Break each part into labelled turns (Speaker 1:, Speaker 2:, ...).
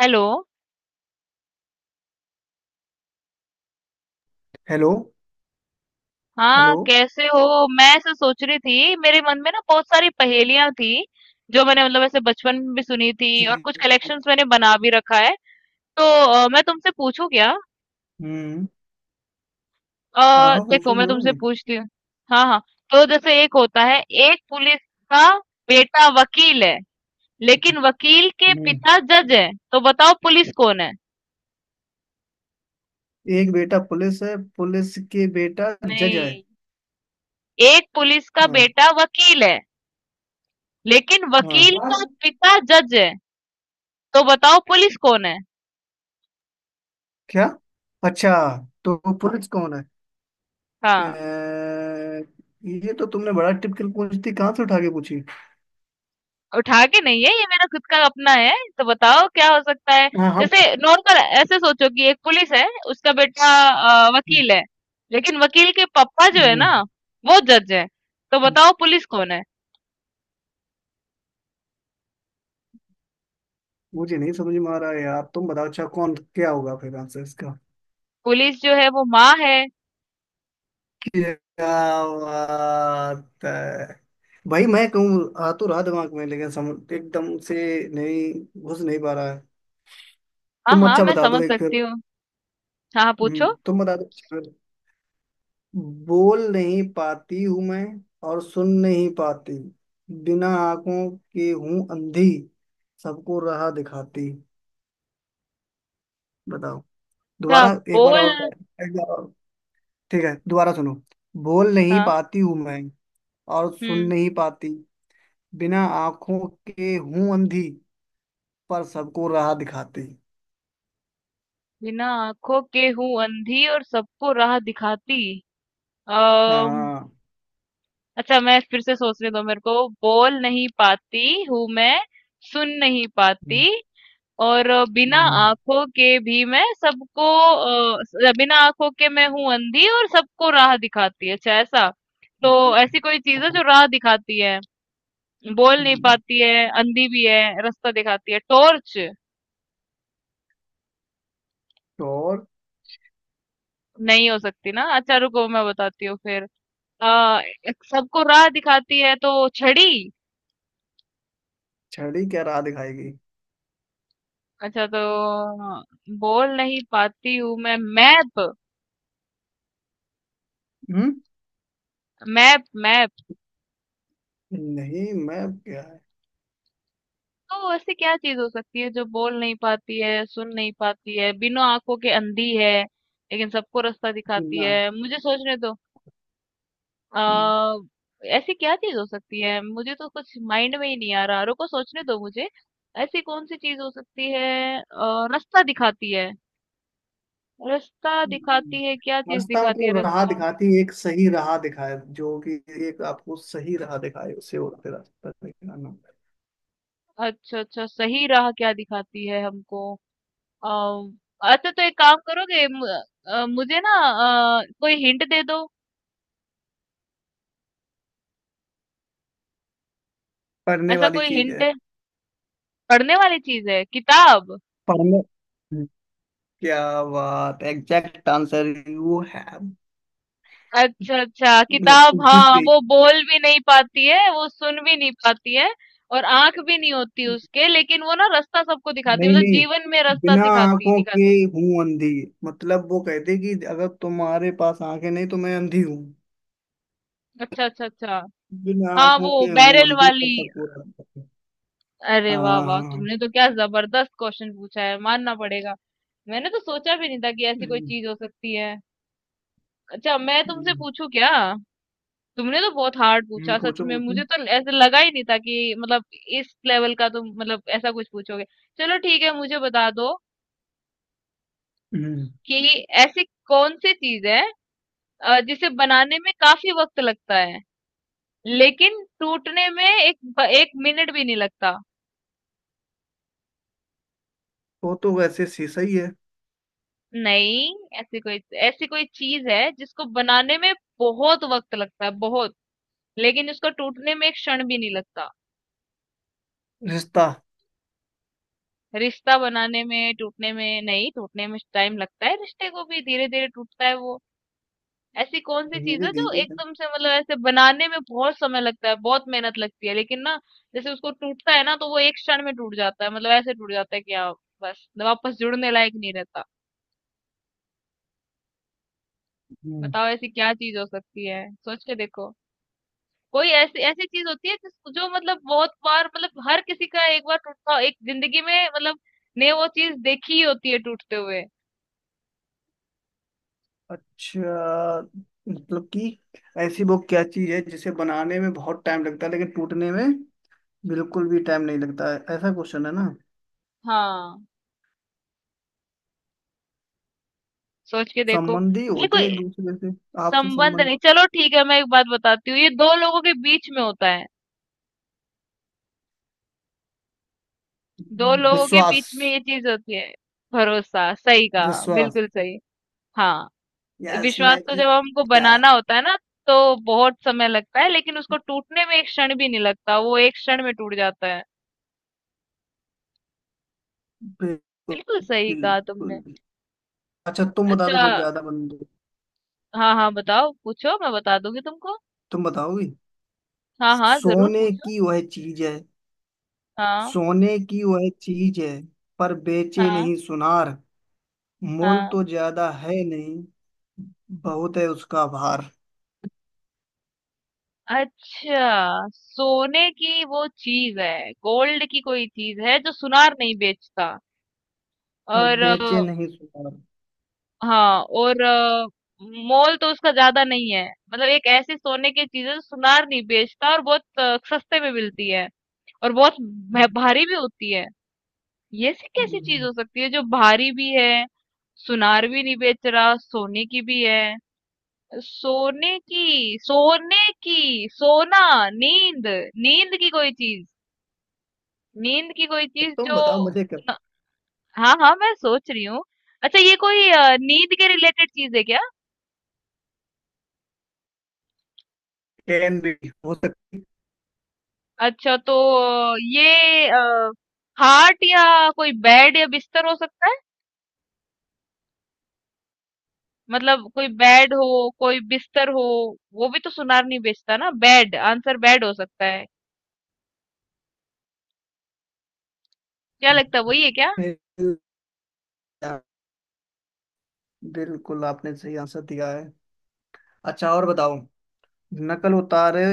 Speaker 1: Hello.
Speaker 2: Hello.
Speaker 1: हाँ,
Speaker 2: hello.
Speaker 1: कैसे हो? मैं ऐसे सोच रही थी, मेरे मन में ना बहुत सारी पहेलियां थी जो मैंने मतलब ऐसे बचपन में भी सुनी थी,
Speaker 2: जी।
Speaker 1: और कुछ कलेक्शंस मैंने बना भी रखा है। तो मैं तुमसे पूछूं क्या?
Speaker 2: हम्म। हाँ हाँ,
Speaker 1: देखो,
Speaker 2: पूछो
Speaker 1: मैं
Speaker 2: क्यों
Speaker 1: तुमसे
Speaker 2: नहीं।
Speaker 1: पूछती हूँ। हाँ हाँ। तो जैसे एक होता है, एक पुलिस का बेटा वकील है लेकिन वकील के
Speaker 2: हम्म।
Speaker 1: पिता जज है, तो बताओ पुलिस कौन है?
Speaker 2: एक बेटा पुलिस है, पुलिस के बेटा जज है।
Speaker 1: नहीं, एक पुलिस का
Speaker 2: हाँ
Speaker 1: बेटा वकील है लेकिन वकील
Speaker 2: हाँ।
Speaker 1: का पिता जज है, तो बताओ पुलिस कौन है?
Speaker 2: क्या? अच्छा, तो वो पुलिस कौन है? अ,
Speaker 1: हाँ।
Speaker 2: ये तो तुमने बड़ा टिपिकल पूछ दी, कहाँ से उठा के पूछी?
Speaker 1: उठा के नहीं है, ये मेरा खुद का अपना है। तो बताओ क्या हो सकता है?
Speaker 2: हाँ हाँ।
Speaker 1: जैसे नॉर्मल ऐसे सोचो कि एक पुलिस है, उसका बेटा
Speaker 2: हम्म,
Speaker 1: वकील है, लेकिन वकील के पापा जो है
Speaker 2: हम्म,
Speaker 1: ना, वो जज है। तो बताओ पुलिस कौन है?
Speaker 2: मुझे नहीं समझ में आ रहा है यार, तुम बताओ अच्छा कौन क्या होगा फिर आंसर इसका।
Speaker 1: पुलिस जो है वो माँ है।
Speaker 2: क्या बात है भाई, मैं कहूँ आ तो रहा दिमाग में लेकिन सम, एकदम से नहीं, घुस नहीं पा रहा है।
Speaker 1: हाँ
Speaker 2: तुम
Speaker 1: हाँ,
Speaker 2: अच्छा
Speaker 1: मैं
Speaker 2: बता दो
Speaker 1: समझ
Speaker 2: एक फिर।
Speaker 1: सकती हूँ। हाँ हाँ, पूछो।
Speaker 2: तुम बता दो अच्छा फिर। बोल नहीं पाती हूँ मैं, और सुन नहीं पाती, बिना आंखों के हूँ अंधी, सबको राह दिखाती। बताओ।
Speaker 1: क्या
Speaker 2: दोबारा, एक बार और।
Speaker 1: बोल?
Speaker 2: एक बार और, ठीक है दोबारा सुनो। बोल नहीं
Speaker 1: हाँ।
Speaker 2: पाती हूँ मैं, और सुन
Speaker 1: हम्म।
Speaker 2: नहीं पाती, बिना आंखों के हूं अंधी, पर सबको राह दिखाती।
Speaker 1: बिना आंखों के हूँ अंधी और सबको राह दिखाती।
Speaker 2: हाँ।
Speaker 1: अच्छा, मैं फिर से सोचने दो मेरे को। बोल नहीं पाती हूँ मैं, सुन नहीं पाती,
Speaker 2: हम्म,
Speaker 1: और बिना
Speaker 2: हम्म,
Speaker 1: आंखों के भी मैं सबको, बिना आंखों के मैं हूँ अंधी और सबको राह दिखाती है, अच्छा ऐसा। तो ऐसी कोई चीज है
Speaker 2: हाँ,
Speaker 1: जो राह दिखाती है, बोल नहीं
Speaker 2: हम्म।
Speaker 1: पाती है, अंधी भी है, रास्ता दिखाती है। टॉर्च?
Speaker 2: तो और?
Speaker 1: नहीं हो सकती ना। अच्छा रुको, मैं बताती हूँ फिर। आ, सबको राह दिखाती है, तो छड़ी?
Speaker 2: छड़ी क्या राह दिखाएगी?
Speaker 1: अच्छा तो बोल नहीं पाती हूँ मैं। मैप?
Speaker 2: हम्म।
Speaker 1: Map map?
Speaker 2: नहीं, मैं क्या है।
Speaker 1: तो ऐसी क्या चीज हो सकती है जो बोल नहीं पाती है, सुन नहीं पाती है, बिना आंखों के अंधी है, लेकिन सबको रास्ता दिखाती
Speaker 2: बिना।
Speaker 1: है? मुझे सोचने दो।
Speaker 2: हम्म,
Speaker 1: आ, ऐसी क्या चीज हो सकती है, मुझे तो कुछ माइंड में ही नहीं आ रहा। रुको, सोचने दो मुझे। ऐसी कौन सी चीज हो सकती है? रास्ता दिखाती है। रास्ता
Speaker 2: हम्म।
Speaker 1: दिखाती है, क्या चीज
Speaker 2: रास्ता
Speaker 1: दिखाती है
Speaker 2: मतलब राह
Speaker 1: रास्ता?
Speaker 2: दिखाती है, एक सही राह दिखाए जो कि एक आपको सही राह दिखाए उसे होते रास्ता दिखाना।
Speaker 1: अच्छा अच्छा, सही राह क्या दिखाती है हमको? अम, अच्छा, तो एक काम करोगे मुझे ना, कोई हिंट दे दो।
Speaker 2: पढ़ने
Speaker 1: ऐसा
Speaker 2: वाली
Speaker 1: कोई
Speaker 2: चीज
Speaker 1: हिंट
Speaker 2: है।
Speaker 1: है? पढ़ने वाली चीज है? किताब?
Speaker 2: पढ़ने। हम्म। क्या बात, एग्जैक्ट आंसर यू हैव।
Speaker 1: अच्छा अच्छा,
Speaker 2: मतलब
Speaker 1: किताब।
Speaker 2: जीत
Speaker 1: हाँ,
Speaker 2: गई।
Speaker 1: वो बोल भी नहीं पाती है, वो सुन भी नहीं पाती है, और आंख भी नहीं होती उसके, लेकिन वो ना रास्ता सबको दिखाती है,
Speaker 2: नहीं
Speaker 1: मतलब
Speaker 2: नहीं,
Speaker 1: जीवन में रास्ता
Speaker 2: बिना
Speaker 1: सिखाती
Speaker 2: आंखों के
Speaker 1: दिखाती है।
Speaker 2: हूं अंधी, मतलब वो कहते कि अगर तुम्हारे पास आंखें नहीं तो मैं अंधी हूँ।
Speaker 1: अच्छा अच्छा अच्छा।
Speaker 2: बिना
Speaker 1: हाँ,
Speaker 2: आंखों
Speaker 1: वो
Speaker 2: के हूं
Speaker 1: बैरल
Speaker 2: अंधी पर
Speaker 1: वाली।
Speaker 2: सबको रास्ता है।
Speaker 1: अरे वाह
Speaker 2: हाँ
Speaker 1: वाह,
Speaker 2: हाँ, हाँ।
Speaker 1: तुमने तो क्या जबरदस्त क्वेश्चन पूछा है, मानना पड़ेगा। मैंने तो सोचा भी नहीं था कि ऐसी कोई
Speaker 2: हम्म,
Speaker 1: चीज हो सकती है। अच्छा, मैं तुमसे
Speaker 2: हम्म,
Speaker 1: पूछूं क्या? तुमने तो बहुत हार्ड पूछा, सच
Speaker 2: पूछो
Speaker 1: में
Speaker 2: पूछो।
Speaker 1: मुझे तो ऐसे लगा ही नहीं था कि मतलब इस लेवल का तुम मतलब ऐसा कुछ पूछोगे। चलो ठीक है, मुझे बता दो
Speaker 2: हम्म।
Speaker 1: कि ऐसी कौन सी चीज है जिसे बनाने में काफी वक्त लगता है, लेकिन टूटने में एक एक मिनट भी नहीं लगता।
Speaker 2: वो तो वैसे से सही है।
Speaker 1: नहीं। ऐसी कोई, ऐसी कोई चीज है जिसको बनाने में बहुत वक्त लगता है, बहुत, लेकिन इसको टूटने में एक क्षण भी नहीं लगता।
Speaker 2: रिश्ता।
Speaker 1: रिश्ता बनाने में, टूटने में नहीं, टूटने में टाइम लगता है, रिश्ते को भी धीरे धीरे टूटता है वो। ऐसी कौन सी चीज
Speaker 2: धीरे
Speaker 1: है जो
Speaker 2: धीरे।
Speaker 1: एकदम से मतलब ऐसे बनाने में बहुत समय लगता है, बहुत मेहनत लगती है, लेकिन ना, जैसे उसको टूटता है ना तो वो एक क्षण में टूट जाता है, मतलब ऐसे टूट जाता है कि आप बस मतलब वापस जुड़ने लायक नहीं रहता।
Speaker 2: हम्म,
Speaker 1: बताओ ऐसी क्या चीज हो सकती है, सोच के देखो। कोई ऐसी ऐसी चीज होती है जिस जो मतलब बहुत बार मतलब हर किसी का एक बार टूटता एक जिंदगी में मतलब ने वो चीज देखी ही होती है टूटते हुए।
Speaker 2: अच्छा। मतलब कि ऐसी वो क्या चीज है जिसे बनाने में बहुत टाइम लगता है लेकिन टूटने में बिल्कुल भी टाइम नहीं लगता है, ऐसा क्वेश्चन है ना?
Speaker 1: हाँ, सोच के देखो।
Speaker 2: संबंधी
Speaker 1: ये
Speaker 2: होते हैं
Speaker 1: कोई
Speaker 2: एक दूसरे से। आपसे
Speaker 1: संबंध
Speaker 2: संबंध।
Speaker 1: नहीं, चलो ठीक है मैं एक बात बताती हूँ, ये दो लोगों के बीच में होता है। दो लोगों के
Speaker 2: विश्वास।
Speaker 1: बीच में ये चीज होती है। भरोसा, सही कहा,
Speaker 2: विश्वास।
Speaker 1: बिल्कुल सही। हाँ।
Speaker 2: यस, मैं
Speaker 1: विश्वास को जब हमको
Speaker 2: जीता।
Speaker 1: बनाना होता है ना, तो बहुत समय लगता है, लेकिन उसको टूटने में एक क्षण भी नहीं लगता, वो एक क्षण में टूट जाता है। बिल्कुल
Speaker 2: बिल्कुल।
Speaker 1: सही कहा तुमने।
Speaker 2: बिल्कुल। अच्छा, तुम बता दो
Speaker 1: अच्छा।
Speaker 2: फिर ज्यादा बंदे।
Speaker 1: हाँ हाँ, बताओ पूछो, मैं बता दूंगी तुमको।
Speaker 2: तुम बताओगी?
Speaker 1: हाँ हाँ, जरूर
Speaker 2: सोने
Speaker 1: पूछो।
Speaker 2: की वह चीज है,
Speaker 1: हाँ।
Speaker 2: सोने की वह चीज है, पर बेचे
Speaker 1: हाँ।
Speaker 2: नहीं सुनार, मोल
Speaker 1: हाँ।
Speaker 2: तो ज्यादा है नहीं, बहुत है उसका भार।
Speaker 1: अच्छा, सोने की वो चीज है, गोल्ड की कोई चीज है जो सुनार नहीं बेचता,
Speaker 2: पर
Speaker 1: और
Speaker 2: बेचे नहीं सुनार।
Speaker 1: हाँ, और मोल तो उसका ज्यादा नहीं है, मतलब एक ऐसी सोने की चीज है जो सुनार नहीं बेचता और बहुत सस्ते में मिलती है, और बहुत भारी भी होती है। ये सी कैसी चीज
Speaker 2: हम्म,
Speaker 1: हो सकती है जो भारी भी है, सुनार भी नहीं बेच रहा, सोने की भी है? सोने की, सोने की, सोना, नींद, नींद की कोई चीज, नींद की कोई चीज
Speaker 2: तुम
Speaker 1: जो,
Speaker 2: बताओ मुझे क्या।
Speaker 1: न- हाँ हाँ, मैं सोच रही हूँ। अच्छा, ये कोई नींद के रिलेटेड चीज है क्या?
Speaker 2: कैन भी हो सकती
Speaker 1: अच्छा तो ये खाट या कोई बेड या बिस्तर हो सकता है, मतलब कोई बेड हो कोई बिस्तर हो। वो भी तो सुनार नहीं बेचता ना। बेड? आंसर बेड हो सकता है, क्या लगता है वही है क्या?
Speaker 2: है। यार, बिल्कुल आपने सही आंसर दिया है। अच्छा और बताओ। नकल उतारे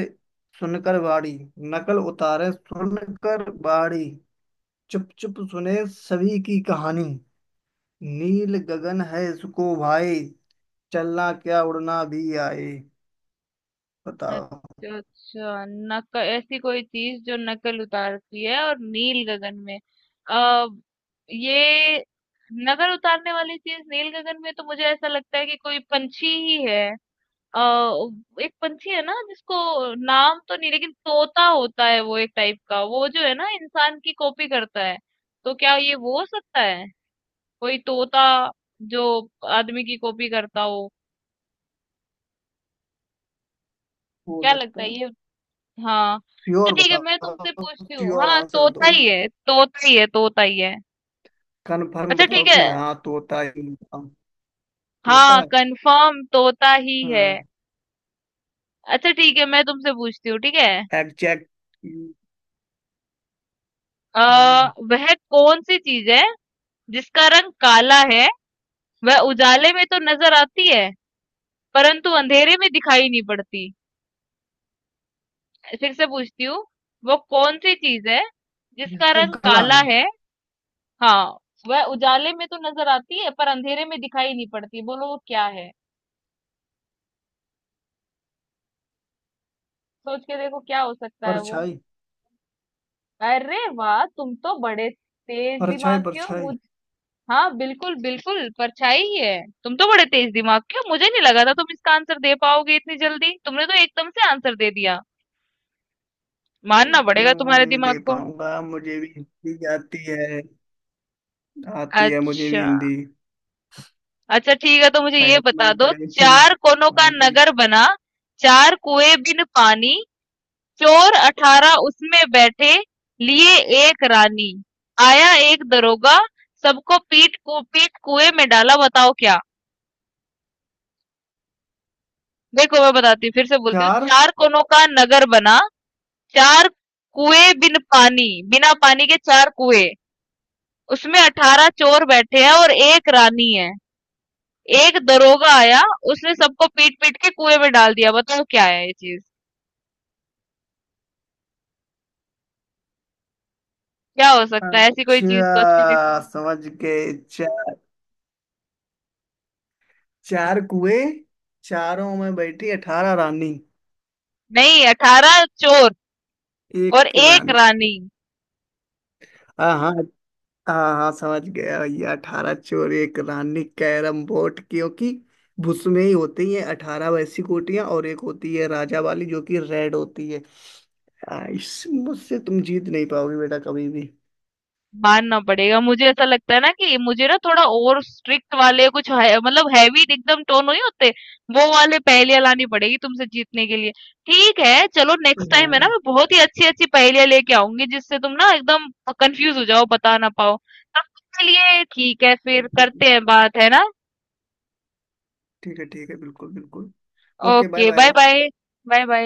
Speaker 2: सुनकर बाड़ी, नकल उतारे सुनकर बाड़ी, चुप चुप सुने सभी की कहानी, नील गगन है इसको भाई, चलना क्या उड़ना भी आए। बताओ।
Speaker 1: अच्छा अच्छा। नक ऐसी कोई चीज जो नकल उतारती है और नील गगन में, आ, ये नकल उतारने वाली चीज नील गगन में, तो मुझे ऐसा लगता है कि कोई पंछी ही है। आ, एक पंछी है ना जिसको नाम तो नहीं, लेकिन तोता होता है वो, एक टाइप का वो जो है ना, इंसान की कॉपी करता है। तो क्या ये वो हो सकता है, कोई तोता जो आदमी की कॉपी करता हो?
Speaker 2: हो
Speaker 1: क्या लगता
Speaker 2: सकता
Speaker 1: है
Speaker 2: है।
Speaker 1: ये? हाँ। तो
Speaker 2: श्योर
Speaker 1: ठीक है मैं तुमसे
Speaker 2: बताओ।
Speaker 1: पूछती हूँ।
Speaker 2: श्योर
Speaker 1: हाँ,
Speaker 2: आंसर
Speaker 1: तोता
Speaker 2: दो,
Speaker 1: ही है, तोता ही है, तोता ही है।
Speaker 2: कंफर्म
Speaker 1: अच्छा
Speaker 2: बताओ
Speaker 1: ठीक है।
Speaker 2: कि हाँ तोता है, बताओ, तोता
Speaker 1: हाँ,
Speaker 2: है।
Speaker 1: कंफर्म तोता ही है।
Speaker 2: हाँ।
Speaker 1: अच्छा ठीक है, मैं तुमसे पूछती हूँ। ठीक है।
Speaker 2: एग्जैक्ट।
Speaker 1: वह कौन सी चीज है जिसका रंग काला है, वह उजाले में तो नजर आती है परंतु अंधेरे में दिखाई नहीं पड़ती? फिर से पूछती हूँ। वो कौन सी चीज है जिसका
Speaker 2: जिसमें
Speaker 1: रंग
Speaker 2: कला
Speaker 1: काला
Speaker 2: है।
Speaker 1: है? हाँ। वह उजाले में तो नजर आती है पर अंधेरे में दिखाई नहीं पड़ती, बोलो वो क्या है? सोच के देखो क्या हो सकता है वो।
Speaker 2: परछाई।
Speaker 1: अरे वाह, तुम तो बड़े तेज
Speaker 2: परछाई।
Speaker 1: दिमाग के हो
Speaker 2: परछाई।
Speaker 1: मुझ, हाँ बिल्कुल बिल्कुल परछाई ही है। तुम तो बड़े तेज दिमाग के हो, मुझे नहीं लगा था तुम इसका आंसर दे पाओगे इतनी जल्दी, तुमने तो एकदम से आंसर दे दिया। मानना पड़ेगा
Speaker 2: क्यों
Speaker 1: तुम्हारे
Speaker 2: नहीं
Speaker 1: दिमाग
Speaker 2: दे
Speaker 1: को।
Speaker 2: पाऊंगा, मुझे भी हिंदी आती है। आती है मुझे भी
Speaker 1: अच्छा
Speaker 2: हिंदी।
Speaker 1: अच्छा, ठीक है तो मुझे ये
Speaker 2: पहले तो
Speaker 1: बता
Speaker 2: मैंने
Speaker 1: दो।
Speaker 2: पढ़ी थी।
Speaker 1: चार कोनों का
Speaker 2: हाँ जी।
Speaker 1: नगर बना, चार कुएं बिन पानी, चोर अठारह उसमें बैठे, लिए एक रानी। आया एक दरोगा, सबको पीट को पीट कुएं में डाला, बताओ क्या? देखो मैं बताती हूँ, फिर से बोलती हूँ।
Speaker 2: चार।
Speaker 1: चार कोनों का नगर बना, चार कुएं बिन पानी, बिना पानी के चार कुएं, उसमें अठारह चोर बैठे हैं और एक रानी है, एक दरोगा आया उसने सबको पीट पीट के कुएं में डाल दिया, बताओ क्या है ये चीज? क्या हो सकता है ऐसी कोई चीज, सोच के
Speaker 2: अच्छा
Speaker 1: देखो।
Speaker 2: समझ गए। चार, चार कुएं, चारों में बैठी 18 रानी,
Speaker 1: नहीं, अठारह चोर और
Speaker 2: एक
Speaker 1: एक
Speaker 2: रानी।
Speaker 1: रानी।
Speaker 2: हाँ हाँ। हाँ हाँ, समझ गया भैया, 18 चोर एक रानी, कैरम बोर्ड, क्योंकि उसमें ही होती है 18 वैसी गोटियां और एक होती है राजा वाली जो कि रेड होती है। इस मुझसे तुम जीत नहीं पाओगे बेटा कभी भी।
Speaker 1: मानना पड़ेगा। मुझे ऐसा लगता है ना कि मुझे ना थोड़ा और स्ट्रिक्ट वाले कुछ है, मतलब हेवी एकदम टोन नहीं होते, वो वाले पहेलियाँ लानी पड़ेगी तुमसे जीतने के लिए। ठीक है, चलो नेक्स्ट टाइम है ना
Speaker 2: हाँ।
Speaker 1: मैं बहुत ही अच्छी-अच्छी पहेलियाँ लेके आऊँगी जिससे तुम ना एकदम कंफ्यूज हो जाओ, बता ना पाओ। तब तक के लिए ठीक है, फिर
Speaker 2: ठीक है।
Speaker 1: करते हैं बात है ना?
Speaker 2: ठीक है, ठीक है, बिल्कुल बिल्कुल। Okay, bye
Speaker 1: okay, bye
Speaker 2: bye.
Speaker 1: Bye. Bye bye.